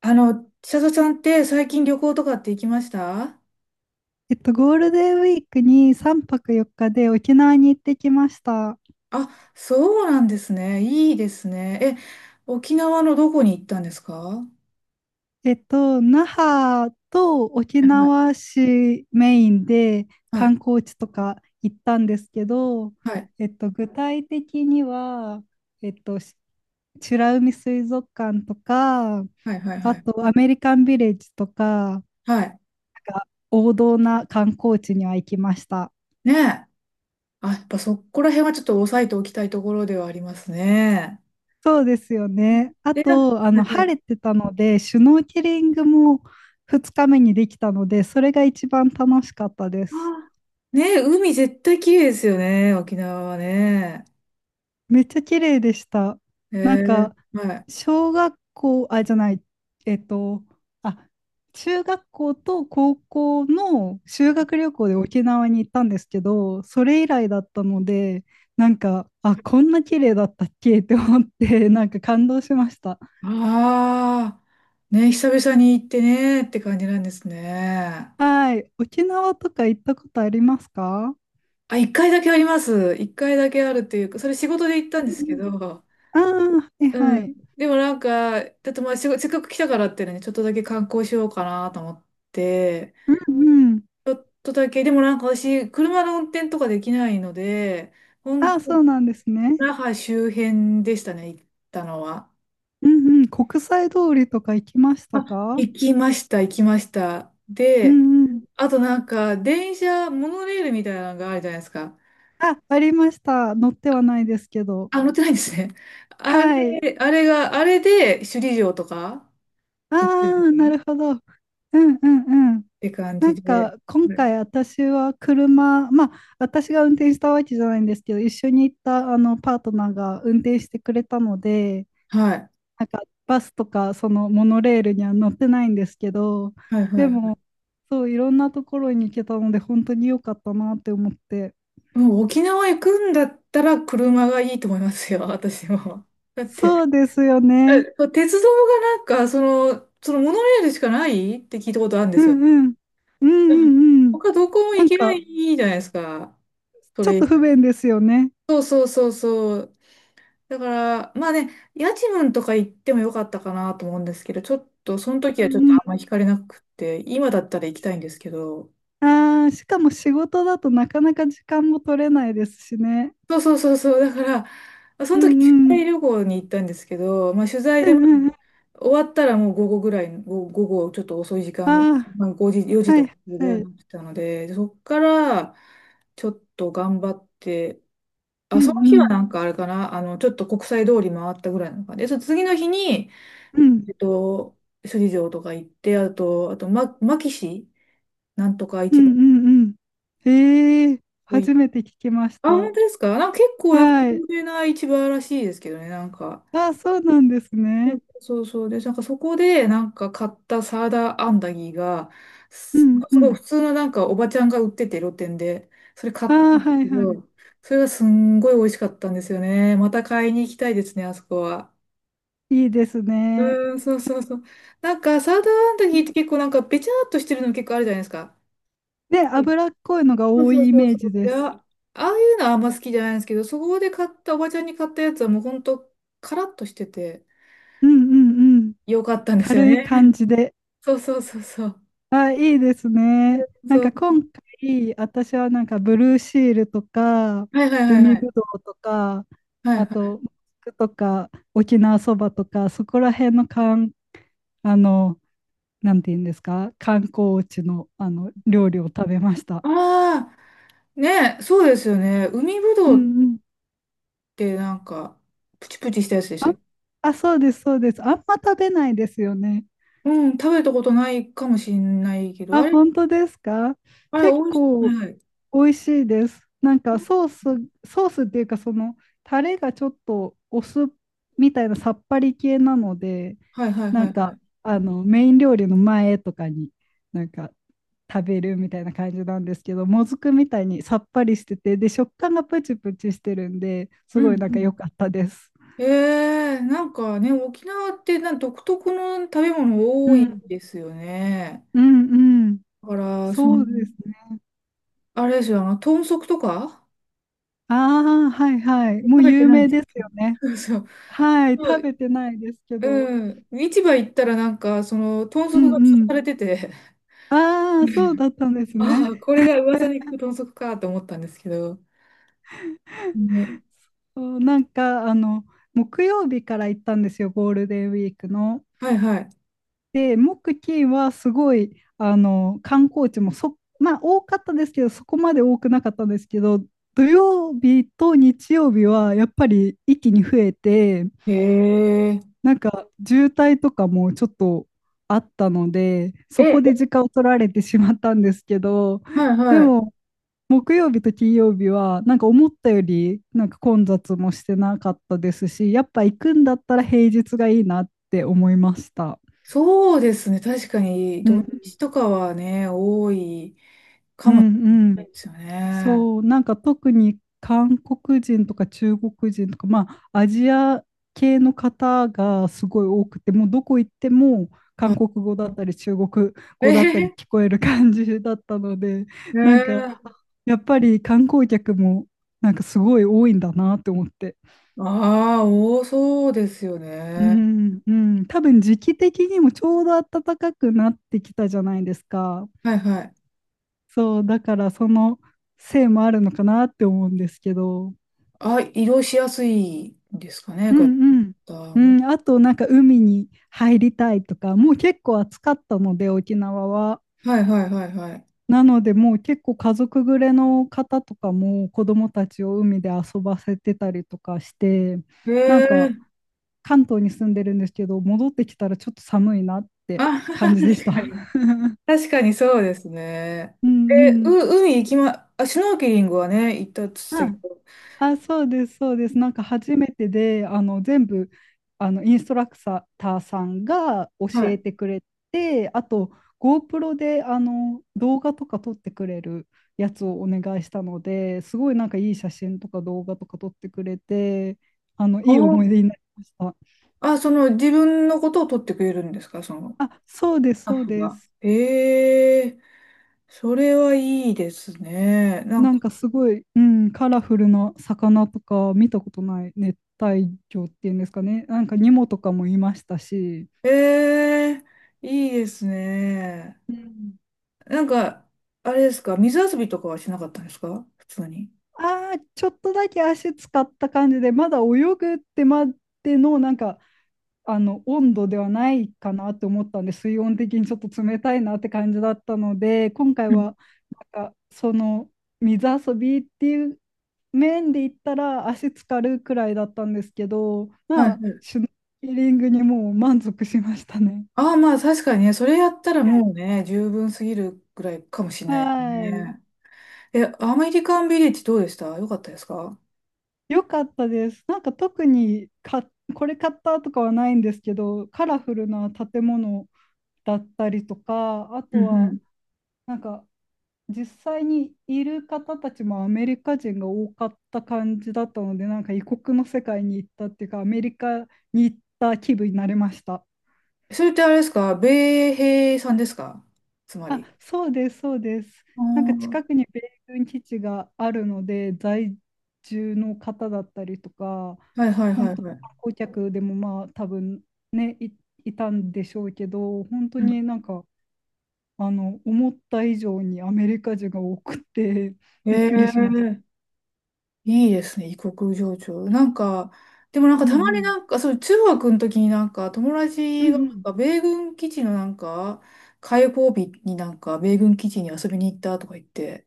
千里ちゃんって最近旅行とかって行きました？ゴールデンウィークに3泊4日で沖縄に行ってきました。あ、そうなんですね。いいですね。沖縄のどこに行ったんですか？は那覇と沖い縄市メインでは観い光地とか行ったんですけど、はい具体的には、えっと、し美ら海水族館とか、はいはいはいあはい。とアメリカンビレッジとか、なんか王道な観光地には行きました。ねえ。あ、やっぱそこら辺はちょっと押さえておきたいところではありますね。そうですよね。あで、なんか、と、はいは晴い。れてたので、シュノーケリングも2日目にできたので、それが一番楽しかったであす。ーねえ、海絶対綺麗ですよね、沖縄はね。めっちゃ綺麗でした。えなんか、はい。小学校、あ、じゃない、えっと、あ、中学校と高校の修学旅行で沖縄に行ったんですけど、それ以来だったので、なんか、こんな綺麗だったっけって思って、なんか感動しました。ああ、ねえ、久々に行ってねって感じなんですね。はい。沖縄とか行ったことありますか？あ、一回だけあります。一回だけあるっていうか、それ仕事で行ったんうですんけうん、ど、ああー、はういはん。い。でもなんか、だってまあ、仕事せっかく来たからってね、ちょっとだけ観光しようかなと思って、うんうん。ちょっとだけ、でもなんか私、車の運転とかできないので、あ本あ、当、そうなんですね。那覇周辺でしたね、行ったのは。うんうん。国際通りとか行きましたあ、か？行きました、行きました。うで、んうん。あとなんか、電車、モノレールみたいなのがあるじゃないですか。あ、ありました。乗ってはないですけど。あ、乗ってないんですね。あはい。れ、あれが、あれで首里城とかあ行ってるあ、なっるほど。うんうんうん。て感なじんで、か、今はい回私は車、まあ、私が運転したわけじゃないんですけど、一緒に行ったあのパートナーが運転してくれたので、はい、なんかバスとかそのモノレールには乗ってないんですけど、はい、ではも、そう、いろんなところに行けたので、本当に良かったなって思って。い。もう沖縄行くんだったら車がいいと思いますよ、私も。だっそて、うですよね。鉄道がなんか、その、そのモノレールしかないって聞いたことあるんでうすよんね。うん。うんううん、んうん。他どこもな行んけなか、いじゃないですか、そちょっれ以と不外。便ですよね。そうそうそうそう。だから、まあね、家賃とか行ってもよかったかなと思うんですけど、ちょっと、その時うはちょっとんうあんまり惹かれなくて、今だったら行きたいんですけど、ん。ああ、しかも仕事だとなかなか時間も取れないですしね。そうそうそうそう。だから、そうの時、取んうん。材旅行に行ったんですけど、まあ、取材うんで、うまんあ、うん。終わったらもう午後ぐらい、午後ちょっと遅い時あ間、あ、まあ、5時、4時はとかいぐらいはにい。なってたので、そっから、ちょっと頑張って、うあ、そのん日うはん。なんかあれかな、あの、ちょっと国際通り回ったぐらいなのかな。で、その次の日に、うんえっと、首里城とか行って、あと、あと、ま、牧市なんとかう市ん場。うんうん。ええ、おい。初めて聞きましあ、た。本当ですか？なんか結構なんかはい。有名な市場らしいですけどね、なんか。あ、そうなんですうん、ね。そうそう。で、なんかそこでなんか買ったサーダーアンダギーが、うすんうすごいん。普通のなんかおばちゃんが売ってて露店で、それ買あったー、んですはいけはい。ど、それがすんごい美味しかったんですよね。また買いに行きたいですね、あそこは。いいですね。うーん、そうそうそう。なんかサーダーアンダで、ギーって結構なんかべちゃーっとしてるの結構あるじゃないですか。はい、脂っこいのがそう多そういイそうメーそジう。でいや、す。ああいうのはあんま好きじゃないんですけど、そこで買ったおばちゃんに買ったやつはもうほんとカラッとしててうんうんうん。よかったんですよ軽いね。感じで。そうそうそうそう。あ、いいですね。なんそかう、今回、私はなんかブルーシールとか、はいはいはいは海ぶい。どうとか、はいはあい。と、もずくとか、沖縄そばとか、そこら辺のかん、あの、なんて言うんですか、観光地の、あの料理を食べました。ああ、ね、そうですよね。海ぶうどうっんうん。てなんか、プチプチしたやつでしたっけ？あ、そうです、そうです。あんま食べないですよね。うん、食べたことないかもしれないけど、あ、あれ、本当ですか？あれ、美結味しい。構はい。美味しいです。なんかソース、ソースっていうかそのタレがちょっとお酢みたいなさっぱり系なので、はいはいなはんいはかい。あのメイン料理の前とかになんか食べるみたいな感じなんですけど、もずくみたいにさっぱりしてて、で食感がプチプチしてるんで、うすごいんなんうかん。良かったです。ええ、なんかね、沖縄ってなん独特の食べ物う多いん、ですよね。うん、うん。だから、その、そうですね。あれですよ、あの、豚足とかああ、はいはい。も食うべて有ない名でですよね。す、そうそう。はい。そ食う、べてないですけど。うん。市場行ったらなんか、その、豚うん足が吊るうん。されてて、ああ、そう だったんですね。ああ、これが噂に聞く豚足かと思ったんですけど。ね、そう、なんか、木曜日から行ったんですよ、ゴールデンウィークの。はいはで、木、金はすごい、観光地もまあ、多かったですけど、そこまで多くなかったんですけど、土曜日と日曜日はやっぱり一気に増えて、い。へえ。なんか渋滞とかもちょっとあったので、そこでえ、時間を取られてしまったんですけど、はいではい。も木曜日と金曜日はなんか思ったよりなんか混雑もしてなかったですし、やっぱ行くんだったら平日がいいなって思いました。そうですね。確かにう土ん、日とかはね、多いかうもしれなん、いですよね。そう、なんか特に韓国人とか中国人とか、まあ、アジア系の方がすごい多くて、もうどこ行ってもあ、韓国語だったり中国え語だったへりへ、聞こえる感じだったので、ねなんかえ。やっぱり観光客もなんかすごい多いんだなって思って。ああ、多そうですようね。ん、うん、多分時期的にもちょうど暖かくなってきたじゃないですか。はいはい。そう、だからそのせいもあるのかなって思うんですけど。あ、移動しやすいんですかね、う方んうん。うも。ん、あとなんか海に入りたいとか、もう結構暑かったので沖縄は。はいはいはいはい。なのでもう結構家族連れの方とかも子供たちを海で遊ばせてたりとかして、へなんかえ。関東に住んでるんですけど、戻ってきたらちょっと寒いなってあ、感じでし確た。か に。確かにそうですね。うんえ、うん。う、海行きま、あ、シュノーケリングはね、行ったって言ってたけど。あ、そうです、そうです。なんか初めてで、全部あのインストラクターさんが教はえい。てくれて、あと GoPro であの動画とか撮ってくれるやつをお願いしたので、すごいなんかいい写真とか動画とか撮ってくれて、あのあいい思い出になりました。あ、その自分のことを取ってくれるんですか、その、あ、そうでスす、タッそうフでが。す。ええ、それはいいですね。なんなんか、かすごい、うん、カラフルな魚とか見たことない熱帯魚っていうんですかね。なんかニモとかもいましたし。ええ、いいですね。うん。なんか、あれですか、水遊びとかはしなかったんですか、普通に。ああ、ちょっとだけ足使った感じで、まだ泳ぐってまでの、なんか、温度ではないかなって思ったんで、水温的にちょっと冷たいなって感じだったので、今回うん、は、なんか、その、水遊びっていう面で言ったら、足つかるくらいだったんですけど、はまいあ、はい。シュノーケリングにもう満足しましたね。ああ、まあ確かにね、それやったらもうね、十分すぎるぐらいかもしれないですはい。ね。え、アメリカンビレッジどうでした？よかったですか？よかったです。なんか特にこれ買ったとかはないんですけど、カラフルな建物、だったりとか、あうとんうはん。なんか実際にいる方たちもアメリカ人が多かった感じだったので、なんか異国の世界に行ったっていうか、アメリカに行った気分になれました。それってあれですか？米兵さんですか、つまあ、り。そうです、そうです。なんか近あくに米軍基地があるので、在住の方だったりとか、あ、はいはいは本い当、は観い。光客でもまあ多分ね、いたんでしょうけど、本当うん。になんか思った以上にアメリカ人が多くて、びっくりしました。ええ、いいですね、異国情緒。なんか、でもなんかうたんまうにん。なんか、そう、中学の時になんか友う達がんなんうか米軍基地のなんか、開放日になんか米軍基地に遊びに行ったとか言って、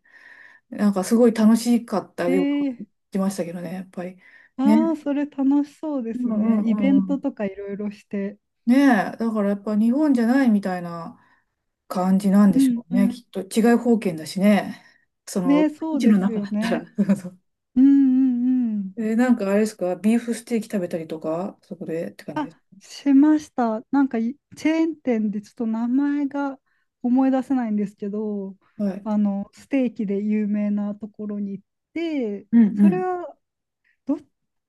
なんかすごい楽しかったん。よくー、言ってましたけどね、やっぱり。あね。あ、それ楽しそうでうすんうね。イベんうントん。とかいろいろして。ねえ、だからやっぱ日本じゃないみたいな感じなんでうしんょううね。ん。きっと違い方圏だしね。その、ね、基そう地でのす中よだったら。ね。そうそう。うんうんうん。え、なんかあれですか、ビーフステーキ食べたりとか、そこでって感じあ、です。しました。なんかチェーン店でちょっと名前が思い出せないんですけど、はい。あの、ステーキで有名なところに行って、うんうそれん。はど、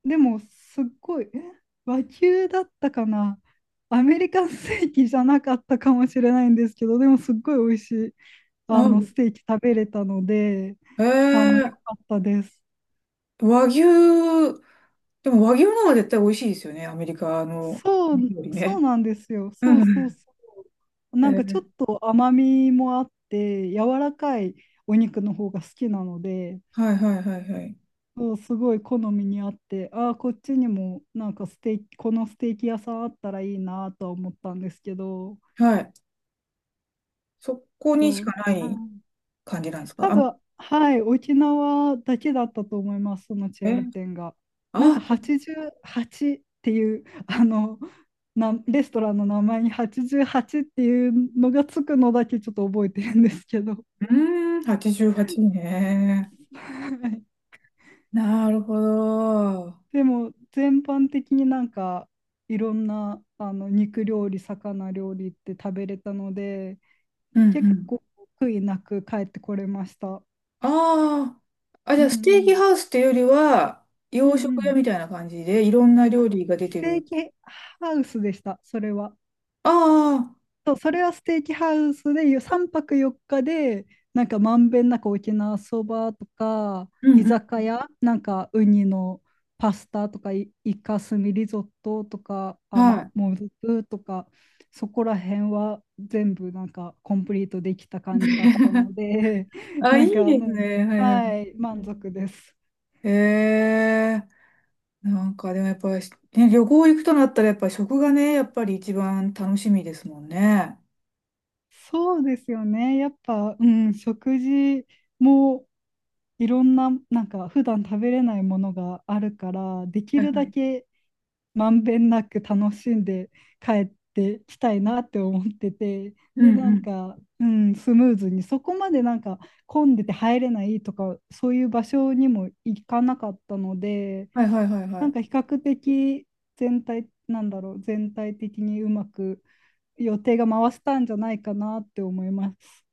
でも、すっごい、和牛だったかな、アメリカンステーキじゃなかったかもしれないんですけど、でも、すっごい美味しい、あの、あ、ステーキ食べれたので、えあの、良ー、かったです。和牛、でも和牛の方が絶対美味しいですよね、アメリカのそう、料理そうね。なんですよ。うそんううそうん。そう。えなんかちょー、っと甘みもあって、柔らかいお肉の方が好きなので、はいはいはいはい。そう、すごい好みにあって、ああ、こっちにもなんかステーキ、このステーキ屋さんあったらいいなとは思ったんですけど、はい。そこにしそう。かなはいい。感じなんです多か？あ、分、はい、沖縄だけだったと思います、そのチェーえ、ン店が。なんあ、か88っていう、レストランの名前に88っていうのがつくのだけちょっと覚えてるんですけど。うーん、88ね。はい。なるほど。でも、全般的になんか、いろんな、あの、肉料理、魚料理って食べれたので、うんう結ん。構、悔いなく帰ってこれました。ああ。あ、じうゃんあ、うステーキん。ハウスっていうよりは、うん洋う食屋ん。みたいな感じで、いろんな料理が出スてテる。ーキハウスでした、それは。ああ。そう、それはステーキハウスで3泊4日で、なんかまんべんなく沖縄そばとか、う居んうん。酒屋、なんかウニのパスタとか、イカスミリゾットとか、あはの、い。もずくとか、そこら辺は全部なんかコンプリートできた感じだったの で、あ、ないんいかですもう、ね。はいはい。はい、満足です。へえ。なんか、でもやっぱり、ね、旅行行くとなったら、やっぱり食がね、やっぱり一番楽しみですもんね。そうですよね。やっぱ、うん、食事もいろんな、なんか普段食べれないものがあるから、できはいるはだい。けまんべんなく楽しんで帰ってきたいなって思ってて、うで、んうなんん。か、うん、スムーズに、そこまでなんか混んでて入れないとか、そういう場所にも行かなかったので、はいはいはいはなんい。か比較的全体、なんだろう、全体的にうまく予定が回せたんじゃないかなって思います。